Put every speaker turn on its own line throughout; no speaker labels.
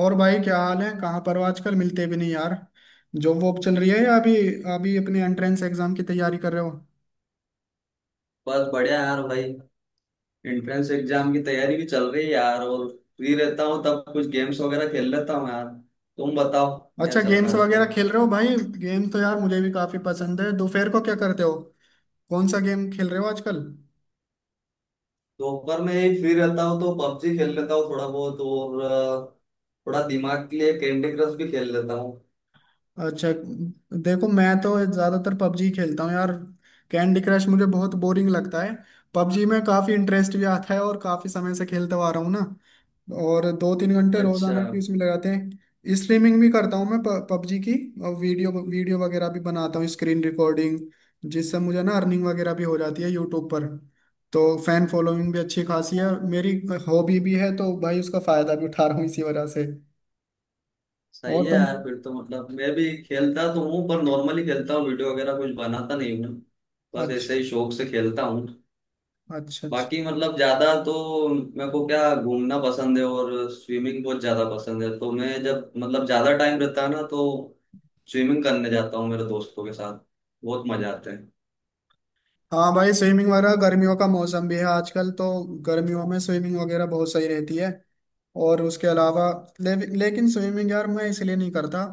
और भाई क्या हाल है? कहाँ पर हो आजकल? मिलते भी नहीं यार। जॉब वॉब चल रही है, या अभी अभी अपने एंट्रेंस एग्जाम की तैयारी कर रहे हो?
बस बढ़िया यार भाई। एंट्रेंस एग्जाम की तैयारी भी चल रही है यार, और फ्री रहता हूँ तब कुछ गेम्स वगैरह खेल लेता हूँ यार। तुम बताओ क्या
अच्छा,
चल रहा
गेम्स
है
वगैरह
आजकल।
खेल रहे हो भाई। गेम तो यार मुझे भी काफी पसंद है। दोपहर को क्या करते हो? कौन सा गेम खेल रहे हो आजकल?
दोपहर में ही फ्री रहता हूँ तो पबजी खेल लेता हूँ थोड़ा बहुत और थोड़ा दिमाग के लिए कैंडी क्रश भी खेल लेता हूँ।
अच्छा। देखो, मैं तो ज्यादातर पबजी खेलता हूँ यार। कैंडी क्रश मुझे बहुत बोरिंग लगता है। पबजी में काफी इंटरेस्ट भी आता है, और काफी समय से खेलते हुआ आ रहा हूँ ना। और दो तीन घंटे
अच्छा।
रोजाना की उसमें लगाते हैं। स्ट्रीमिंग भी करता हूँ मैं पबजी की। और वीडियो वीडियो वगैरह भी बनाता हूँ, स्क्रीन रिकॉर्डिंग, जिससे मुझे ना अर्निंग वगैरह भी हो जाती है यूट्यूब पर। तो फैन फॉलोइंग भी अच्छी खासी है मेरी। हॉबी भी है, तो भाई उसका फायदा भी उठा रहा हूँ इसी वजह से। और
सही है
तुम?
यार, फिर तो मतलब मैं भी खेलता तो हूँ पर नॉर्मली खेलता हूँ, वीडियो वगैरह कुछ बनाता नहीं हूँ। बस
अच्छा।
ऐसे ही शौक से खेलता हूँ।
अच्छा अच्छा।
बाकी मतलब ज्यादा तो मेरे को क्या घूमना पसंद है और स्विमिंग बहुत ज्यादा पसंद है, तो मैं जब मतलब ज्यादा टाइम रहता है ना तो स्विमिंग करने जाता हूँ मेरे दोस्तों के साथ। बहुत मजा आता है।
हाँ भाई, स्विमिंग वगैरह, गर्मियों का मौसम भी है आजकल तो। गर्मियों में स्विमिंग वगैरह बहुत सही रहती है। और उसके अलावा लेकिन स्विमिंग यार मैं इसलिए नहीं करता।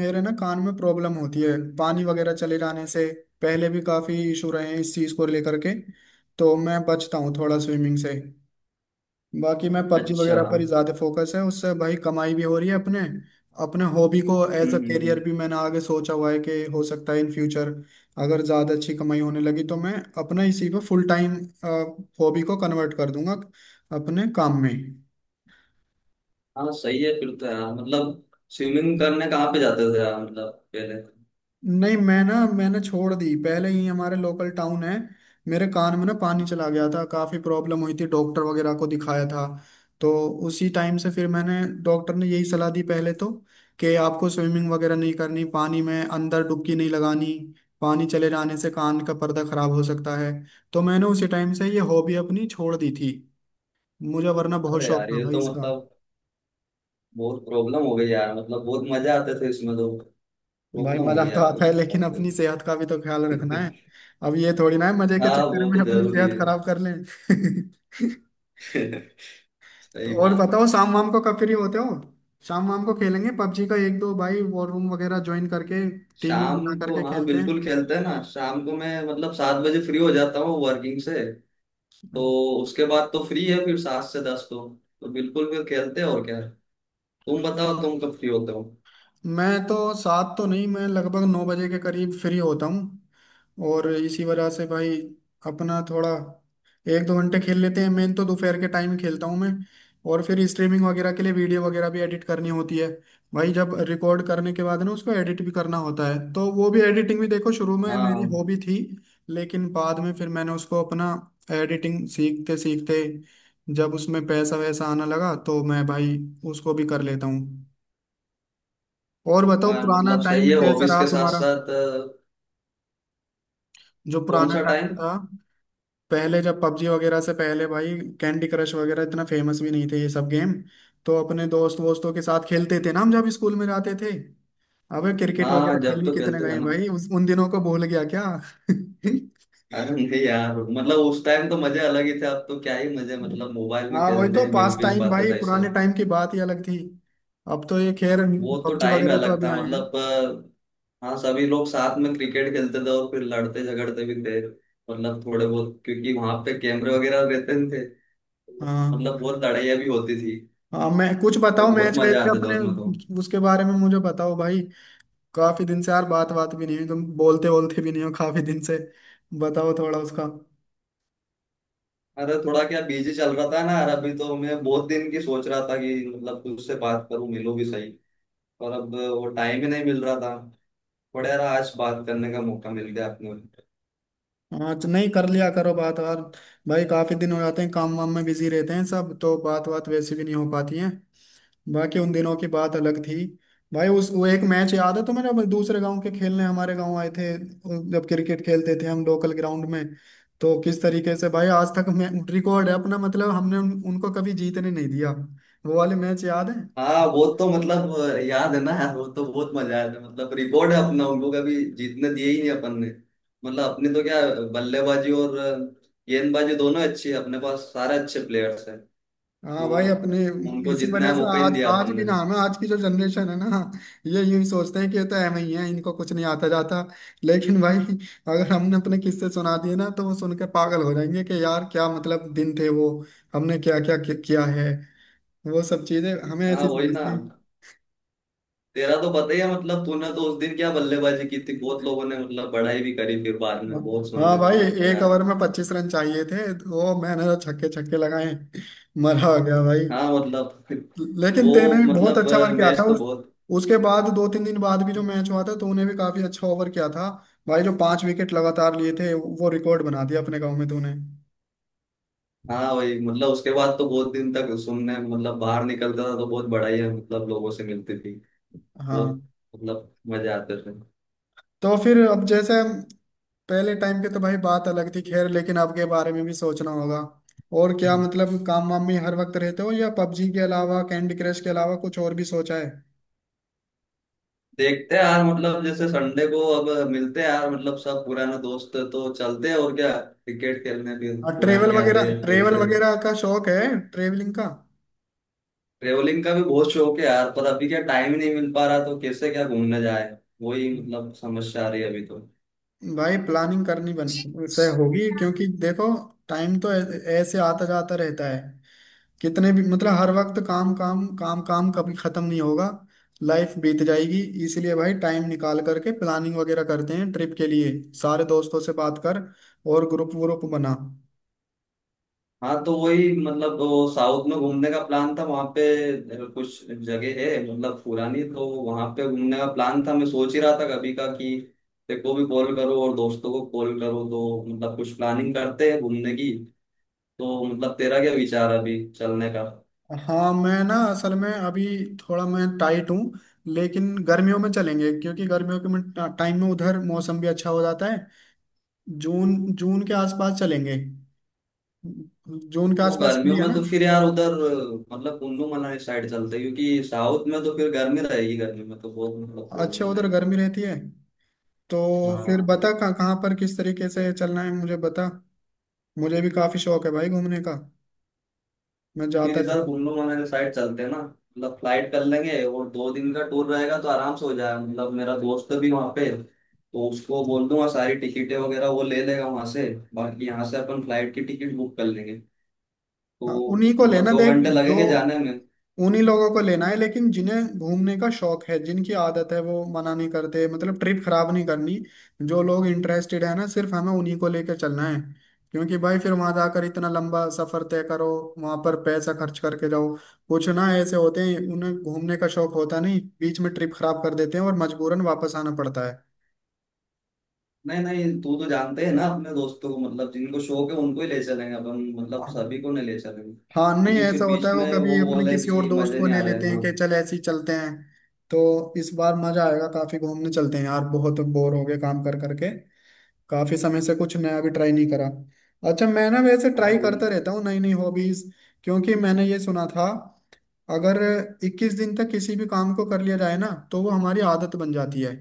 मेरे ना कान में प्रॉब्लम होती है पानी वगैरह चले जाने से। पहले भी काफी इशू रहे हैं इस चीज को लेकर के। तो मैं बचता हूँ थोड़ा स्विमिंग से। बाकी मैं पबजी
अच्छा।
वगैरह पर ही
हम्म।
ज्यादा फोकस है, उससे भाई कमाई भी हो रही है अपने। अपने हॉबी को एज अ
हम्म।
करियर भी मैंने आगे सोचा हुआ है, कि हो सकता है इन फ्यूचर, अगर ज्यादा अच्छी कमाई होने लगी, तो मैं अपना इसी पे फुल टाइम हॉबी को कन्वर्ट कर दूंगा अपने काम में।
हाँ सही है फिर तो यार मतलब। स्विमिंग करने कहाँ पे जाते थे यार मतलब पहले।
नहीं, मैं ना मैंने छोड़ दी पहले ही। हमारे लोकल टाउन है, मेरे कान में ना पानी चला गया था, काफी प्रॉब्लम हुई थी, डॉक्टर वगैरह को दिखाया था। तो उसी टाइम से फिर मैंने, डॉक्टर ने यही सलाह दी पहले तो, कि आपको स्विमिंग वगैरह नहीं करनी, पानी में अंदर डुबकी नहीं लगानी, पानी चले जाने से कान का पर्दा खराब हो सकता है। तो मैंने उसी टाइम से ये हॉबी अपनी छोड़ दी थी। मुझे वरना बहुत
अरे
शौक
यार
था
ये
भाई
तो
इसका।
मतलब बहुत प्रॉब्लम हो गई यार, मतलब बहुत मजा आते थे इसमें तो।
भाई
प्रॉब्लम हो
मजा
गई
तो
यार
आता है,
तुम।
लेकिन अपनी सेहत का भी तो ख्याल रखना है। अब ये थोड़ी ना है मजे के
हाँ
चक्कर
वो
में
तो
अपनी
जरूरी
सेहत खराब कर लें।
है।
तो
सही
और
बात है।
बताओ, शाम वाम को कब फ्री होते हो? शाम वाम को खेलेंगे पबजी का एक दो, भाई वॉर रूम वगैरह ज्वाइन करके, टीम भी
शाम
बना
को
करके
हाँ
खेलते
बिल्कुल खेलते हैं ना। शाम को मैं मतलब सात बजे फ्री हो जाता हूँ वर्किंग से, तो
हैं।
उसके बाद तो फ्री है फिर सात से दस तो बिल्कुल फिर खेलते हैं। और क्या है, तुम बताओ तुम कब फ्री होते हो।
मैं तो सात तो नहीं, मैं लगभग 9 बजे के करीब फ्री होता हूँ। और इसी वजह से भाई अपना थोड़ा एक दो घंटे खेल लेते हैं। मैं तो दोपहर के टाइम खेलता हूँ मैं। और फिर स्ट्रीमिंग वगैरह के लिए वीडियो वगैरह भी एडिट करनी होती है भाई। जब रिकॉर्ड करने के बाद ना उसको एडिट भी करना होता है, तो वो भी, एडिटिंग भी देखो शुरू में मेरी
हाँ।
हॉबी थी। लेकिन बाद में फिर मैंने उसको अपना एडिटिंग सीखते सीखते, जब उसमें पैसा वैसा आना लगा, तो मैं भाई उसको भी कर लेता हूँ। और बताओ,
हाँ
पुराना
मतलब
टाइम
सही है,
कैसा
हॉबीज
रहा
के साथ
तुम्हारा?
साथ
जो
कौन
पुराना
सा
टाइम
टाइम।
था, पहले जब पबजी वगैरह से पहले भाई, कैंडी क्रश वगैरह इतना फेमस भी नहीं थे ये सब गेम, तो अपने दोस्त वोस्तों के साथ खेलते थे ना हम जब स्कूल में जाते थे। अबे, क्रिकेट वगैरह
हाँ जब
खेलने
तो
कितने
खेलते थे
गए
ना।
भाई, उस उन दिनों को भूल गया क्या?
अरे नहीं यार, मतलब उस टाइम तो मजे अलग ही थे, अब तो क्या ही मजे मतलब मोबाइल में
हाँ वही
खेलते
तो
हैं,
पास
मिल भी नहीं
टाइम
पाते
भाई,
सही से।
पुराने टाइम की बात ही अलग थी। अब तो ये खैर,
वो तो
पबजी
टाइम
वगैरह तो
अलग
अभी
था
आए हैं।
मतलब। हाँ सभी लोग साथ में क्रिकेट खेलते थे और फिर लड़ते झगड़ते भी थे मतलब थोड़े बहुत, क्योंकि वहां पे कैमरे वगैरह रहते नहीं थे, तो मतलब
हाँ।
बहुत लड़ाइयाँ भी होती थी।
हाँ, मैं कुछ बताओ
तो बहुत
मैच वैच
मजा
के
आते थे
अपने,
उसमें तो।
उसके बारे में मुझे बताओ भाई। काफी दिन से यार बात बात भी नहीं हुई, तुम बोलते बोलते भी नहीं हो काफी दिन से। बताओ थोड़ा उसका।
अरे थोड़ा क्या बिजी चल रहा था ना यार, अभी तो मैं बहुत दिन की सोच रहा था कि मतलब तुझसे बात करूं, मिलूं भी सही, पर अब वो टाइम ही नहीं मिल रहा था। थोड़ा यार आज बात करने का मौका मिल गया अपने।
हाँ तो नहीं, कर लिया करो बात यार। भाई, काफी दिन हो जाते हैं, काम वाम में बिजी रहते हैं सब, तो बात बात वैसे भी नहीं हो पाती है। बाकी उन दिनों की बात अलग थी। भाई उस वो एक मैच याद है तुम्हें, जब दूसरे गांव के खेलने हमारे गांव आए थे, जब क्रिकेट खेलते थे हम लोकल ग्राउंड में, तो किस तरीके से भाई आज तक मैं रिकॉर्ड है अपना, मतलब हमने उनको कभी जीतने नहीं दिया। वो वाले मैच याद है?
हाँ वो तो मतलब याद है ना यार, वो तो बहुत मजा आया था, मतलब रिकॉर्ड है अपना, उनको कभी जीतने दिए ही नहीं अपन ने। मतलब अपने तो क्या बल्लेबाजी और गेंदबाजी दोनों अच्छी है, अपने पास सारे अच्छे प्लेयर्स हैं
हाँ
तो
भाई अपने।
उनको
इसी वजह
जितना
से
मौका ही नहीं
आज
दिया
आज
अपन
भी
ने।
ना, हमें आज की जो जनरेशन है ना, ये यूं ही सोचते हैं कि ये तो एम ही है, इनको कुछ नहीं आता जाता। लेकिन भाई अगर हमने अपने किस्से सुना दिए ना, तो वो सुन के पागल हो जाएंगे कि यार क्या मतलब दिन थे वो, हमने क्या क्या किया है। वो सब चीजें हमें
हाँ
ऐसी
वही ना।
समझती हैं।
तेरा तो पता ही है मतलब, तूने तो उस दिन क्या बल्लेबाजी की थी, बहुत लोगों ने मतलब बड़ाई भी करी, फिर बाद में बहुत
हाँ
सुनने में
भाई,
आया कि
एक
यार।
ओवर में 25 रन चाहिए थे, तो वो मैंने तो छक्के छक्के लगाए, मरा हो गया भाई।
हाँ मतलब
लेकिन तेने
वो
भी बहुत
मतलब
अच्छा ओवर किया था
मैच तो
उस,
बहुत।
उसके बाद दो तीन दिन बाद भी जो मैच हुआ था, तो उन्हें भी काफी अच्छा ओवर किया था भाई। जो 5 विकेट लगातार लिए थे, वो रिकॉर्ड बना दिया अपने गांव में तूने।
हाँ वही मतलब उसके बाद तो बहुत दिन तक सुनने, मतलब बाहर निकलता था तो बहुत बड़ा ही है, मतलब लोगों से मिलती थी।
हाँ,
बहुत मतलब मजे आते थे।
तो फिर अब जैसे, पहले टाइम की तो भाई बात अलग थी खैर, लेकिन आपके बारे में भी सोचना होगा। और क्या मतलब काम वाम में हर वक्त रहते हो, या पबजी के अलावा, कैंडी क्रश के अलावा कुछ और भी सोचा है?
देखते हैं यार, मतलब जैसे संडे को अब मिलते हैं यार, मतलब सब पुराने दोस्त तो चलते हैं और क्या क्रिकेट खेलने भी,
हाँ ट्रेवल
पुरानी
वगैरह,
यादें फिर
ट्रेवल
से।
वगैरह का शौक है, ट्रेवलिंग का।
ट्रेवलिंग का भी बहुत शौक है यार, पर अभी क्या टाइम ही नहीं मिल पा रहा, तो कैसे क्या घूमने जाए। वही मतलब समस्या आ रही है अभी तो।
भाई प्लानिंग करनी बन से होगी, क्योंकि देखो टाइम तो ऐसे आता जाता रहता है। कितने भी मतलब हर वक्त काम काम काम काम कभी खत्म नहीं होगा, लाइफ बीत जाएगी। इसलिए भाई टाइम निकाल करके प्लानिंग वगैरह करते हैं ट्रिप के लिए, सारे दोस्तों से बात कर, और ग्रुप व्रुप बना।
हाँ तो वही मतलब वो साउथ में घूमने का प्लान था, वहां पे कुछ जगह है मतलब पुरानी, तो वहां पे घूमने का प्लान था। मैं सोच ही रहा था कभी का कि देखो भी कॉल करो और दोस्तों को कॉल करो तो मतलब कुछ प्लानिंग करते हैं घूमने की। तो मतलब तेरा क्या विचार है अभी चलने का।
हाँ, मैं ना असल में अभी थोड़ा मैं टाइट हूँ, लेकिन गर्मियों में चलेंगे, क्योंकि गर्मियों के में टाइम में उधर मौसम भी अच्छा हो जाता है। जून जून के आसपास चलेंगे। जून के
तो
आसपास फ्री
गर्मियों
है
में
ना?
तो फिर यार उधर मतलब कुल्लू मनाली साइड चलते हैं, क्योंकि साउथ में तो फिर गर्मी रहेगी, गर्मी में तो बहुत मतलब
अच्छा,
प्रॉब्लम
उधर
आएगी।
गर्मी रहती है? तो फिर
हाँ।
बता कहाँ कहाँ पर किस तरीके से चलना है, मुझे बता। मुझे भी काफी शौक है भाई घूमने का, मैं
फिर
जाता रहता
इधर
हूँ।
कुल्लू मनाली साइड चलते हैं ना, मतलब फ्लाइट कर लेंगे और दो दिन का टूर रहेगा तो आराम से हो जाएगा। मतलब मेरा दोस्त भी वहाँ पे, तो उसको बोल दूंगा सारी टिकटें वगैरह वो ले लेगा वहाँ से। बाकी यहाँ से अपन फ्लाइट की टिकट बुक कर लेंगे
हाँ
तो
उन्हीं को
मतलब
लेना,
दो
देख
घंटे
जो
लगेंगे जाने में।
उन्हीं लोगों को लेना है, लेकिन जिन्हें घूमने का शौक है, जिनकी आदत है, वो मना नहीं करते। मतलब ट्रिप खराब नहीं करनी। जो लोग इंटरेस्टेड है ना, सिर्फ हमें उन्हीं को लेकर चलना है। क्योंकि भाई फिर वहां जाकर इतना लंबा सफर तय करो, वहां पर पैसा खर्च करके जाओ, कुछ ना ऐसे होते हैं उन्हें घूमने का शौक होता नहीं, बीच में ट्रिप खराब कर देते हैं, और मजबूरन वापस आना पड़ता
नहीं नहीं, तू तो जानते हैं ना अपने दोस्तों को, मतलब जिनको शौक है उनको ही ले चलेंगे अपन, मतलब
है।
सभी को नहीं ले चलेंगे
हाँ नहीं
क्योंकि फिर
ऐसा होता है,
बीच
वो
में
कभी
वो
अपने
बोले
किसी और
कि
दोस्त
मजे
को
नहीं
ले
आ रहे
लेते
हैं।
हैं
हाँ।
कि चल ऐसे ही चलते हैं। तो इस बार मजा आएगा, काफी घूमने चलते हैं यार, बहुत बोर हो गए काम कर करके। काफी समय से कुछ नया भी ट्राई नहीं करा। अच्छा, मैं ना वैसे
हाँ
ट्राई
वो
करता रहता हूँ नई नई हॉबीज। क्योंकि मैंने ये सुना था, अगर 21 दिन तक किसी भी काम को कर लिया जाए ना, तो वो हमारी आदत बन जाती है।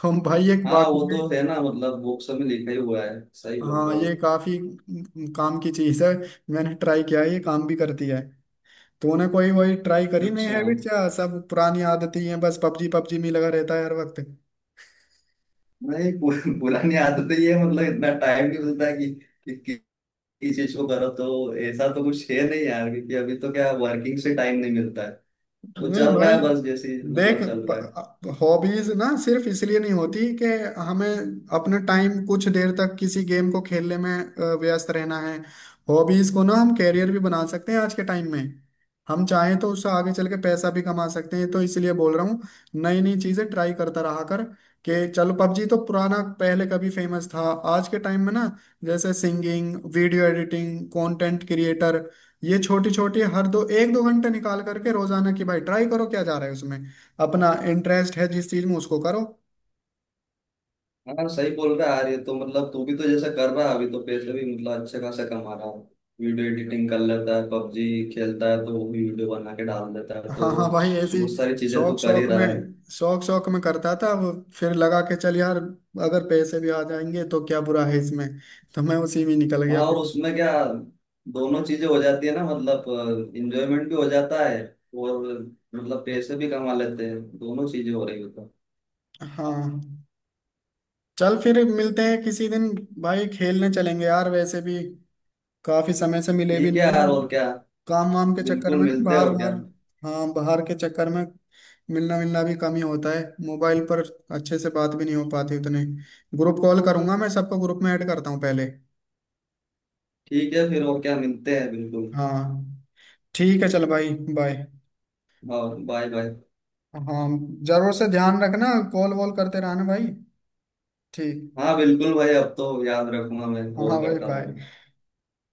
तो भाई एक
हाँ
वाकई
वो
में,
तो है ना, मतलब बुक्स में लिखा ही हुआ है, सही बोल
हाँ
रहे
ये
हो।
काफी काम की चीज है। मैंने ट्राई किया है, ये काम भी करती है। तूने कोई वही ट्राई करी नहीं
अच्छा।
हैबिट? क्या सब पुरानी आदतें ही हैं, बस पबजी पबजी में ही लगा रहता है हर वक्त?
नहीं, पुरानी आदत ही है, मतलब इतना टाइम नहीं मिलता कि कि कि- किस चीज को करो, तो ऐसा तो कुछ है नहीं यार, क्योंकि अभी तो क्या वर्किंग से टाइम नहीं मिलता है तो
नहीं
चल रहा
भाई
है बस, जैसे
देख,
मतलब चल रहा है।
हॉबीज ना सिर्फ इसलिए नहीं होती कि हमें अपना टाइम कुछ देर तक किसी गेम को खेलने में व्यस्त रहना है। हॉबीज को ना हम कैरियर भी बना सकते हैं आज के टाइम में, हम चाहें तो उससे आगे चल के पैसा भी कमा सकते हैं। तो इसलिए बोल रहा हूँ, नई नई चीजें ट्राई करता रहा कर। कि चलो पबजी तो पुराना, पहले कभी फेमस था। आज के टाइम में ना, जैसे singing, video editing, content creator, ये छोटी छोटी हर दो, एक दो घंटे निकाल करके रोजाना की भाई ट्राई करो क्या जा रहा है उसमें। अपना इंटरेस्ट है जिस चीज में, उसको करो।
हाँ सही बोल रहा है यार, ये तो मतलब तू भी तो जैसा कर रहा है अभी, तो पैसे भी मतलब अच्छे खासा कमा रहा है। वीडियो एडिटिंग कर लेता है, पबजी खेलता है तो वो भी वीडियो बना के डाल देता है, तो
हाँ हाँ भाई ऐसी।
बहुत सारी चीजें तू
शौक
कर ही
शौक में
रहा है।
शौक शौक में करता था वो, फिर लगा के चल यार अगर पैसे भी आ जाएंगे तो क्या बुरा है इसमें। तो मैं उसी में निकल गया
हाँ और
फिर।
उसमें क्या, दोनों चीजें हो जाती है ना, मतलब इंजॉयमेंट भी हो जाता है और मतलब पैसे भी कमा लेते हैं, दोनों चीजें हो रही हो तो।
हाँ, चल फिर मिलते हैं किसी दिन भाई। खेलने चलेंगे यार, वैसे भी काफी समय से मिले भी
ठीक है
नहीं
यार और
है,
क्या।
काम वाम के चक्कर
बिल्कुल
में ना,
मिलते हैं
बाहर
और क्या।
बाहर। हाँ बाहर के चक्कर में मिलना मिलना भी कम ही होता है। मोबाइल पर अच्छे से बात भी नहीं हो पाती उतने। ग्रुप कॉल करूंगा मैं, सबको ग्रुप में ऐड करता हूँ पहले।
ठीक है फिर, और क्या, मिलते हैं बिल्कुल।
हाँ। ठीक है चल भाई, बाय।
हाँ बाय बाय।
हाँ, जरूर से ध्यान रखना, कॉल वॉल करते रहना भाई। ठीक।
हाँ बिल्कुल भाई, अब तो याद रखूंगा, मैं
हाँ
कॉल
भाई
करता रहूंगा।
बाय।